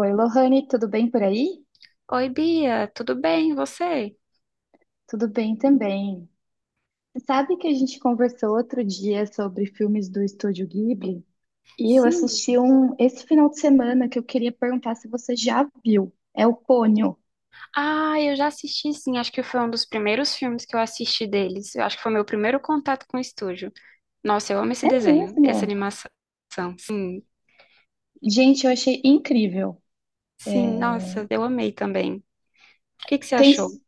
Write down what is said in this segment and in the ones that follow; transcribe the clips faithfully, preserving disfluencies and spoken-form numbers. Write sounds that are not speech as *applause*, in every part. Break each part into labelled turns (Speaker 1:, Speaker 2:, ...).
Speaker 1: Oi, Lohane, tudo bem por aí?
Speaker 2: Oi, Bia, tudo bem? E você?
Speaker 1: Tudo bem também. Você sabe que a gente conversou outro dia sobre filmes do Estúdio Ghibli? E eu assisti
Speaker 2: Sim.
Speaker 1: um esse final de semana que eu queria perguntar se você já viu. É o Ponyo.
Speaker 2: Ah, eu já assisti sim, acho que foi um dos primeiros filmes que eu assisti deles. Eu acho que foi meu primeiro contato com o estúdio. Nossa, eu amo esse
Speaker 1: É
Speaker 2: desenho, essa
Speaker 1: mesmo?
Speaker 2: animação. Sim,
Speaker 1: Gente, eu achei incrível. É,
Speaker 2: sim, nossa, eu amei também. O que que você
Speaker 1: Tem,
Speaker 2: achou?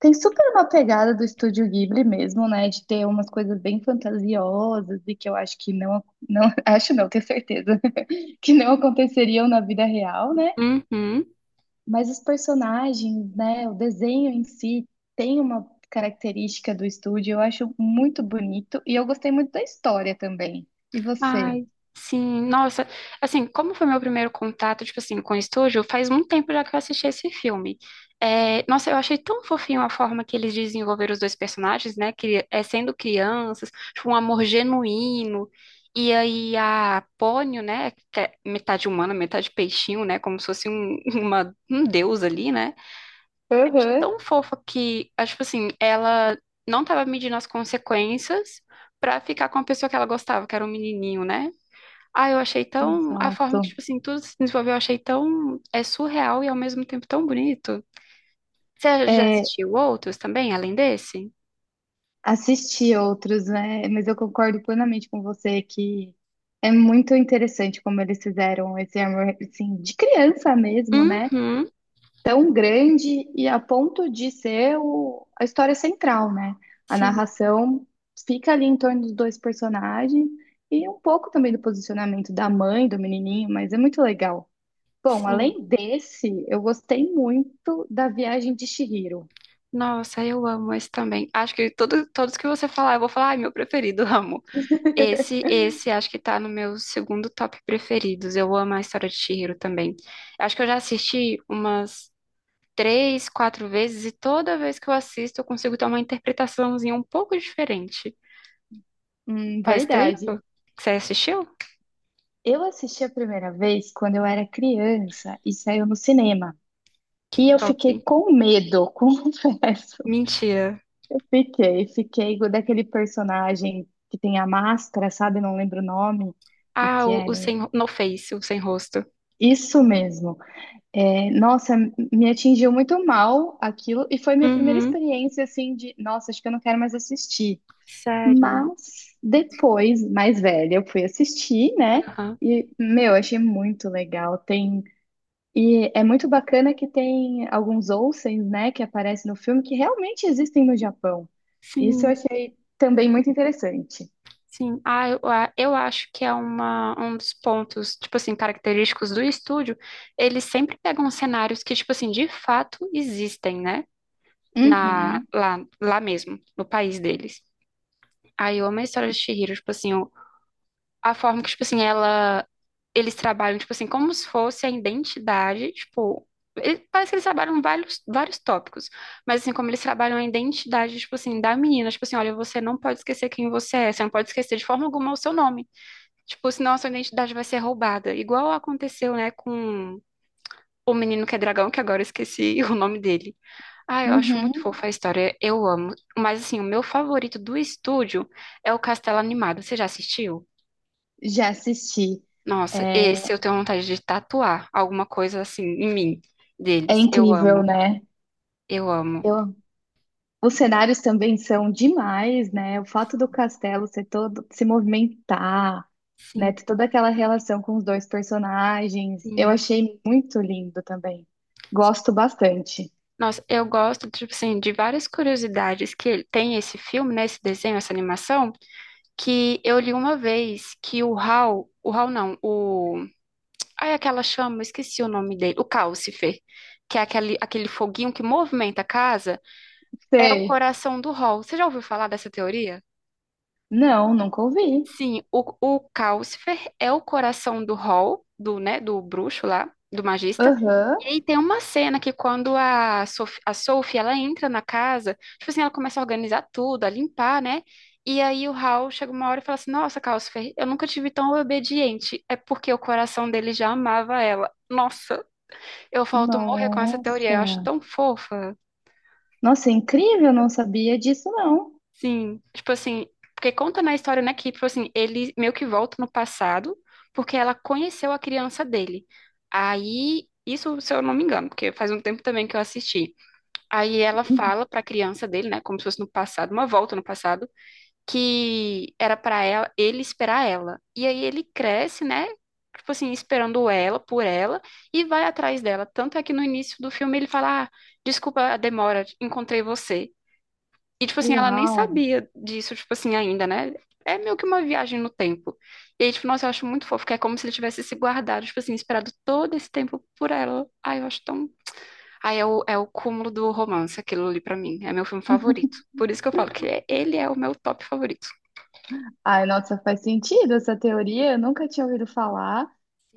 Speaker 1: tem super uma pegada do Estúdio Ghibli mesmo, né? De ter umas coisas bem fantasiosas e que eu acho que não, não *laughs* acho não, tenho certeza *laughs* que não aconteceriam na vida real, né?
Speaker 2: Uhum.
Speaker 1: Mas os personagens, né, o desenho em si tem uma característica do estúdio, eu acho muito bonito e eu gostei muito da história também. E você?
Speaker 2: Ai, sim, nossa, assim, como foi meu primeiro contato, tipo assim, com o estúdio, faz muito tempo já que eu assisti esse filme. É, nossa, eu achei tão fofinho a forma que eles desenvolveram os dois personagens, né, que é sendo crianças, tipo, um amor genuíno, e aí a Pônio, né, que é metade humana, metade peixinho, né, como se fosse um, *laughs* uma, um deus ali, né, eu achei
Speaker 1: Aham.
Speaker 2: tão fofa que, ah, tipo assim, ela não tava medindo as consequências pra ficar com a pessoa que ela gostava, que era um menininho, né, ah, eu achei tão. A forma que,
Speaker 1: Exato.
Speaker 2: tipo assim, tudo se desenvolveu, eu achei tão. É surreal e ao mesmo tempo tão bonito. Você já
Speaker 1: É,
Speaker 2: assistiu outros também, além desse?
Speaker 1: assisti outros, né? Mas eu concordo plenamente com você que é muito interessante como eles fizeram esse amor, assim, de criança mesmo, né?
Speaker 2: Uhum.
Speaker 1: Tão grande e a ponto de ser o- a história central, né? A
Speaker 2: Sim,
Speaker 1: narração fica ali em torno dos dois personagens e um pouco também do posicionamento da mãe, do menininho, mas é muito legal. Bom,
Speaker 2: sim.
Speaker 1: além desse, eu gostei muito da Viagem de Chihiro.
Speaker 2: Nossa, eu amo esse também. Acho que todo, todos que você falar, eu vou falar, ai, meu preferido, *laughs* amo. Esse, esse acho que tá no meu segundo top preferidos. Eu amo a história de Chihiro também. Acho que eu já assisti umas três, quatro vezes e toda vez que eu assisto eu consigo ter uma interpretaçãozinha um pouco diferente.
Speaker 1: Hum,
Speaker 2: Faz
Speaker 1: verdade.
Speaker 2: tempo que você assistiu?
Speaker 1: Eu assisti a primeira vez quando eu era criança e saiu no cinema.
Speaker 2: Que
Speaker 1: E eu
Speaker 2: top.
Speaker 1: fiquei com medo, *laughs* confesso.
Speaker 2: Mentira.
Speaker 1: Fiquei, fiquei daquele personagem que tem a máscara, sabe? Não lembro o nome, e
Speaker 2: Ah,
Speaker 1: que
Speaker 2: o,
Speaker 1: é
Speaker 2: o sem, no Face, o sem rosto.
Speaker 1: isso mesmo. É, nossa, me atingiu muito mal aquilo, e foi minha primeira
Speaker 2: Uhum.
Speaker 1: experiência assim de, nossa, acho que eu não quero mais assistir.
Speaker 2: Sério.
Speaker 1: Mas depois, mais velha, eu fui assistir, né?
Speaker 2: Aham.
Speaker 1: E, meu, achei muito legal. Tem e é muito bacana que tem alguns onsens, né, que aparecem no filme que realmente existem no Japão. Isso eu
Speaker 2: Sim,
Speaker 1: achei também muito interessante.
Speaker 2: sim. Ah, eu, a- eu acho que é uma, um dos pontos, tipo assim, característicos do estúdio. Eles sempre pegam cenários que, tipo assim, de fato existem, né? Na,
Speaker 1: Uhum,
Speaker 2: lá, lá mesmo, no país deles. Aí eu amo a história de Chihiro, tipo assim, a forma que, tipo assim, ela, eles trabalham, tipo assim, como se fosse a identidade, tipo, ele- parece que eles trabalham vários, vários tópicos, mas assim, como eles trabalham a identidade, tipo assim, da menina, tipo assim, olha, você não pode esquecer quem você é, você não pode esquecer de forma alguma o seu nome, tipo, senão a sua identidade vai ser roubada, igual aconteceu, né, com o menino que é dragão, que agora eu esqueci *laughs* o nome dele. Ah, eu acho muito
Speaker 1: uhum.
Speaker 2: fofa a história, eu amo, mas assim, o meu favorito do estúdio é o Castelo Animado, você já assistiu?
Speaker 1: Já assisti.
Speaker 2: Nossa,
Speaker 1: É,
Speaker 2: esse eu tenho vontade de tatuar alguma coisa assim em mim,
Speaker 1: é
Speaker 2: deles. Eu
Speaker 1: incrível,
Speaker 2: amo,
Speaker 1: né?
Speaker 2: eu amo.
Speaker 1: Eu, os cenários também são demais, né? O fato do castelo ser todo, se movimentar, né?
Speaker 2: Sim,
Speaker 1: Ter toda aquela relação com os dois personagens. Eu
Speaker 2: sim.
Speaker 1: achei muito lindo também. Gosto bastante.
Speaker 2: Nossa, eu gosto, tipo assim, de várias curiosidades que ele- tem esse filme, né, esse desenho, essa animação, que eu li uma vez que o Hal, o Hal não, o... Ai, aquela chama, esqueci o nome dele, o Calcifer, que é aquele, aquele foguinho que movimenta a casa, é o
Speaker 1: Sei.
Speaker 2: coração do Hal. Você já ouviu falar dessa teoria?
Speaker 1: Não, nunca ouvi.
Speaker 2: Sim, o, o Calcifer é o coração do Hall, do, né, do bruxo lá, do magista.
Speaker 1: Aham.
Speaker 2: E aí tem uma cena que quando a Sophie, a Sophie, ela entra na casa, tipo assim, ela começa a organizar tudo, a limpar, né? E aí o Hall chega uma hora e fala assim, nossa, Calcifer, eu nunca tive tão obediente. É porque o coração dele já amava ela. Nossa, eu falto morrer com essa teoria, eu acho
Speaker 1: Nossa.
Speaker 2: tão fofa.
Speaker 1: Nossa, é incrível, não sabia disso, não.
Speaker 2: Sim, tipo assim, porque conta na história, né, que, tipo assim, ele meio que volta no passado, porque ela conheceu a criança dele. Aí, isso, se eu não me engano, porque faz um tempo também que eu assisti. Aí ela
Speaker 1: Uhum.
Speaker 2: fala pra criança dele, né, como se fosse no passado, uma volta no passado, que era pra ela, ele esperar ela. E aí ele cresce, né, tipo assim, esperando ela, por ela, e vai atrás dela. Tanto é que no início do filme ele fala, ah, desculpa a demora, encontrei você. E, tipo assim, ela nem
Speaker 1: Uau.
Speaker 2: sabia disso, tipo assim, ainda, né? É meio que uma viagem no tempo. E aí, tipo, nossa, eu acho muito fofo, que é como se ele tivesse se guardado, tipo assim, esperado todo esse tempo por ela. Ai, eu acho tão. Ai, é o, é o cúmulo do romance, aquilo ali pra mim. É meu filme favorito. Por isso que eu falo que é- ele é o meu top favorito.
Speaker 1: Ai, nossa, faz sentido essa teoria, eu nunca tinha ouvido falar.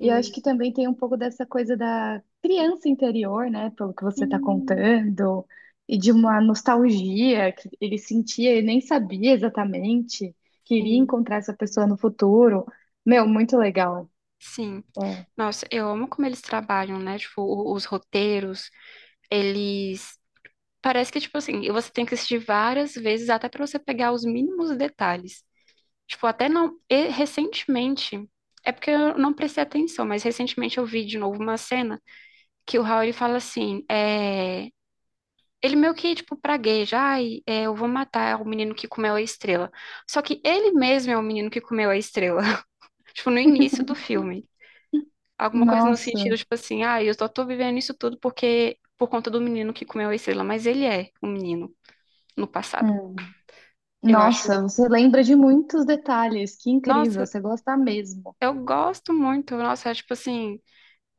Speaker 1: E eu acho que também tem um pouco dessa coisa da criança interior, né, pelo que você está
Speaker 2: sim,
Speaker 1: contando, e de uma nostalgia que ele sentia e nem sabia exatamente, queria
Speaker 2: sim,
Speaker 1: encontrar essa pessoa no futuro. Meu, muito legal.
Speaker 2: sim.
Speaker 1: É.
Speaker 2: Nossa, eu amo como eles trabalham, né? Tipo, o- os roteiros, eles. Parece que, tipo assim, você tem que assistir várias vezes até pra você pegar os mínimos detalhes. Tipo, até não. E recentemente. É porque eu não prestei atenção, mas recentemente eu vi de novo uma cena que o Raul fala assim: é, ele meio que, tipo, pragueja, ai, é, eu vou matar o menino que comeu a estrela. Só que ele mesmo é o menino que comeu a estrela. *laughs* Tipo, no início do filme. Alguma coisa no sentido,
Speaker 1: Nossa.
Speaker 2: tipo assim, ai, eu só tô vivendo isso tudo porque por conta do menino que comeu a estrela. Mas ele é o menino no passado.
Speaker 1: Hum.
Speaker 2: Eu acho.
Speaker 1: Nossa, você lembra de muitos detalhes, que incrível,
Speaker 2: Nossa,
Speaker 1: você gosta mesmo.
Speaker 2: eu gosto muito. Nossa, é tipo assim.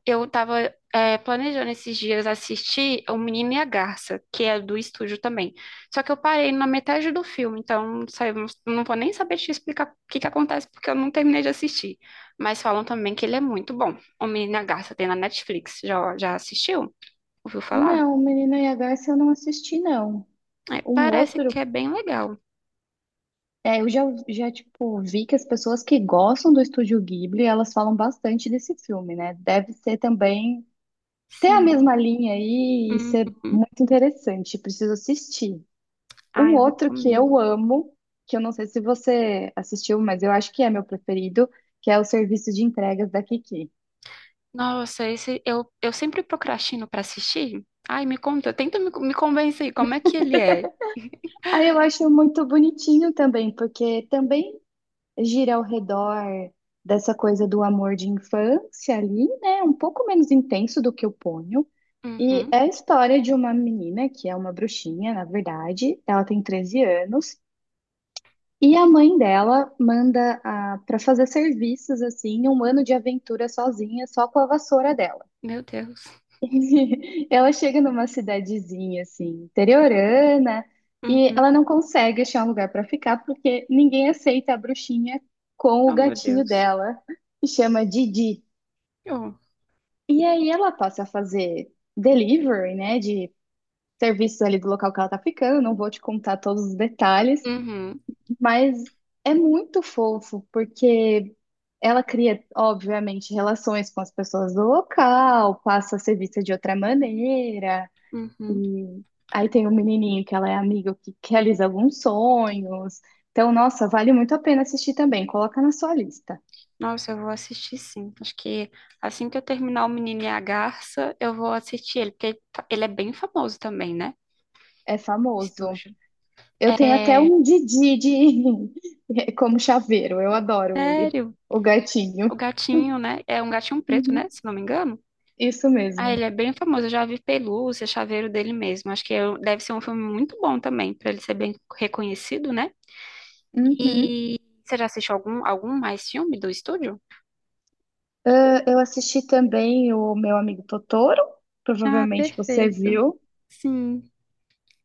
Speaker 2: Eu tava, é, planejando esses dias assistir O Menino e a Garça, que é do estúdio também. Só que eu parei na metade do filme, então sabe, não não vou nem saber te explicar o que que acontece, porque eu não terminei de assistir. Mas falam também que ele é muito bom. O Menino e a Garça tem na Netflix. Já, já assistiu? Ouviu falar?
Speaker 1: Não, Menina IH, eu não assisti, não.
Speaker 2: É,
Speaker 1: Um
Speaker 2: parece
Speaker 1: outro,
Speaker 2: que é bem legal.
Speaker 1: é, eu já, já, tipo, vi que as pessoas que gostam do Estúdio Ghibli, elas falam bastante desse filme, né? Deve ser também, ter a
Speaker 2: Sim.
Speaker 1: mesma linha aí e
Speaker 2: Uhum.
Speaker 1: ser muito interessante, preciso assistir. Um
Speaker 2: Ah, eu
Speaker 1: outro que
Speaker 2: recomendo.
Speaker 1: eu amo, que eu não sei se você assistiu, mas eu acho que é meu preferido, que é o Serviço de Entregas da Kiki.
Speaker 2: Nossa, esse eu, eu sempre procrastino pra assistir. Ai, me conta, tenta me, me convencer como é que ele é.
Speaker 1: Aí eu acho muito bonitinho também, porque também gira ao redor dessa coisa do amor de infância ali, né? Um pouco menos intenso do que o Ponyo. E
Speaker 2: Uhum.
Speaker 1: é a história de uma menina que é uma bruxinha, na verdade. Ela tem treze anos. E a mãe dela manda a, para fazer serviços, assim, um ano de aventura sozinha, só com a vassoura dela.
Speaker 2: Meu Deus.
Speaker 1: *laughs* Ela chega numa cidadezinha assim, interiorana, e
Speaker 2: Uhum.
Speaker 1: ela não consegue achar um lugar para ficar porque ninguém aceita a bruxinha com o
Speaker 2: Oh, meu
Speaker 1: gatinho
Speaker 2: Deus.
Speaker 1: dela, que chama Didi.
Speaker 2: Oh.
Speaker 1: E aí ela passa a fazer delivery, né, de serviços ali do local que ela tá ficando, não vou te contar todos os detalhes,
Speaker 2: Uhum.
Speaker 1: mas é muito fofo porque ela cria, obviamente, relações com as pessoas do local, passa a ser vista de outra maneira.
Speaker 2: Uhum.
Speaker 1: E aí tem um menininho que ela é amiga que que realiza alguns sonhos. Então, nossa, vale muito a pena assistir também. Coloca na sua lista.
Speaker 2: Nossa, eu vou assistir sim. Acho que assim que eu terminar O Menino e a Garça, eu vou assistir ele, porque ele tá- ele é bem famoso também, né?
Speaker 1: É famoso.
Speaker 2: Estúdio.
Speaker 1: Eu tenho até
Speaker 2: É,
Speaker 1: um Didi de... *laughs* como chaveiro. Eu adoro ele.
Speaker 2: sério.
Speaker 1: O gatinho.
Speaker 2: O gatinho, né? É um gatinho preto, né?
Speaker 1: Uhum,
Speaker 2: Se não me engano.
Speaker 1: isso
Speaker 2: Ah,
Speaker 1: mesmo.
Speaker 2: ele é bem famoso. Eu já vi pelúcia, chaveiro dele mesmo. Acho que eu- deve ser um filme muito bom também, pra ele ser bem reconhecido, né?
Speaker 1: Uhum.
Speaker 2: E você já assistiu algum, algum mais filme do estúdio?
Speaker 1: Ah, eu assisti também o Meu Amigo Totoro.
Speaker 2: Ah,
Speaker 1: Provavelmente você
Speaker 2: perfeito.
Speaker 1: viu.
Speaker 2: Sim,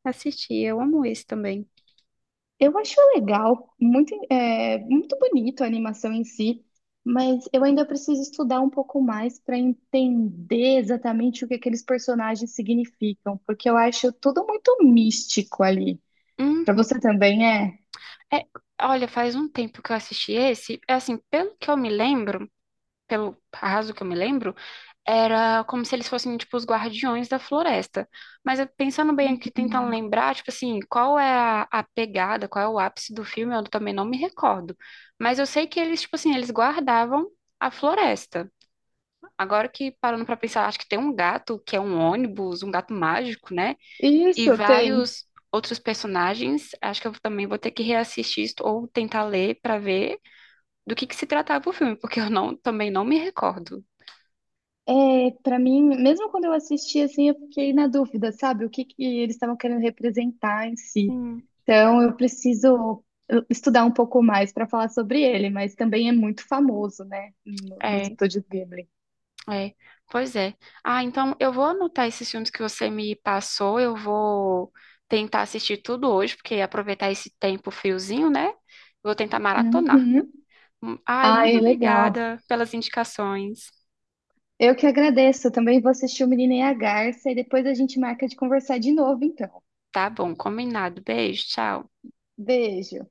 Speaker 2: assisti. Eu amo esse também.
Speaker 1: Eu acho legal, muito, é, muito bonito a animação em si, mas eu ainda preciso estudar um pouco mais para entender exatamente o que aqueles personagens significam, porque eu acho tudo muito místico ali. Para
Speaker 2: Uhum.
Speaker 1: você também é?
Speaker 2: É, olha, faz um tempo que eu assisti esse. É assim, pelo que eu me lembro, pelo arraso que eu me lembro, era como se eles fossem, tipo, os guardiões da floresta. Mas eu pensando bem aqui, tentando lembrar, tipo assim, qual é a, a pegada, qual é o ápice do filme, eu também não me recordo. Mas eu sei que eles, tipo assim, eles guardavam a floresta. Agora que parando pra pensar, acho que tem um gato que é um ônibus, um gato mágico, né? E
Speaker 1: Isso, tem.
Speaker 2: vários outros personagens. Acho que eu também vou ter que reassistir isso ou tentar ler pra ver do que que se tratava o filme, porque eu não, também não me recordo.
Speaker 1: É, para mim, mesmo quando eu assisti assim, eu fiquei na dúvida, sabe? O que que eles estavam querendo representar em si.
Speaker 2: Sim.
Speaker 1: Então, eu preciso estudar um pouco mais para falar sobre ele, mas também é muito famoso, né, no- nos
Speaker 2: É,
Speaker 1: estúdios Ghibli.
Speaker 2: é. Pois é. Ah, então eu vou anotar esses filmes que você me passou, eu vou tentar assistir tudo hoje, porque aproveitar esse tempo friozinho, né? Vou tentar maratonar.
Speaker 1: Uhum.
Speaker 2: Hum, Ai,
Speaker 1: Ah,
Speaker 2: muito
Speaker 1: é legal.
Speaker 2: obrigada pelas indicações.
Speaker 1: Eu que agradeço. Também vou assistir o Menino e a Garça e depois a gente marca de conversar de novo, então.
Speaker 2: Tá bom, combinado. Beijo, tchau.
Speaker 1: Beijo.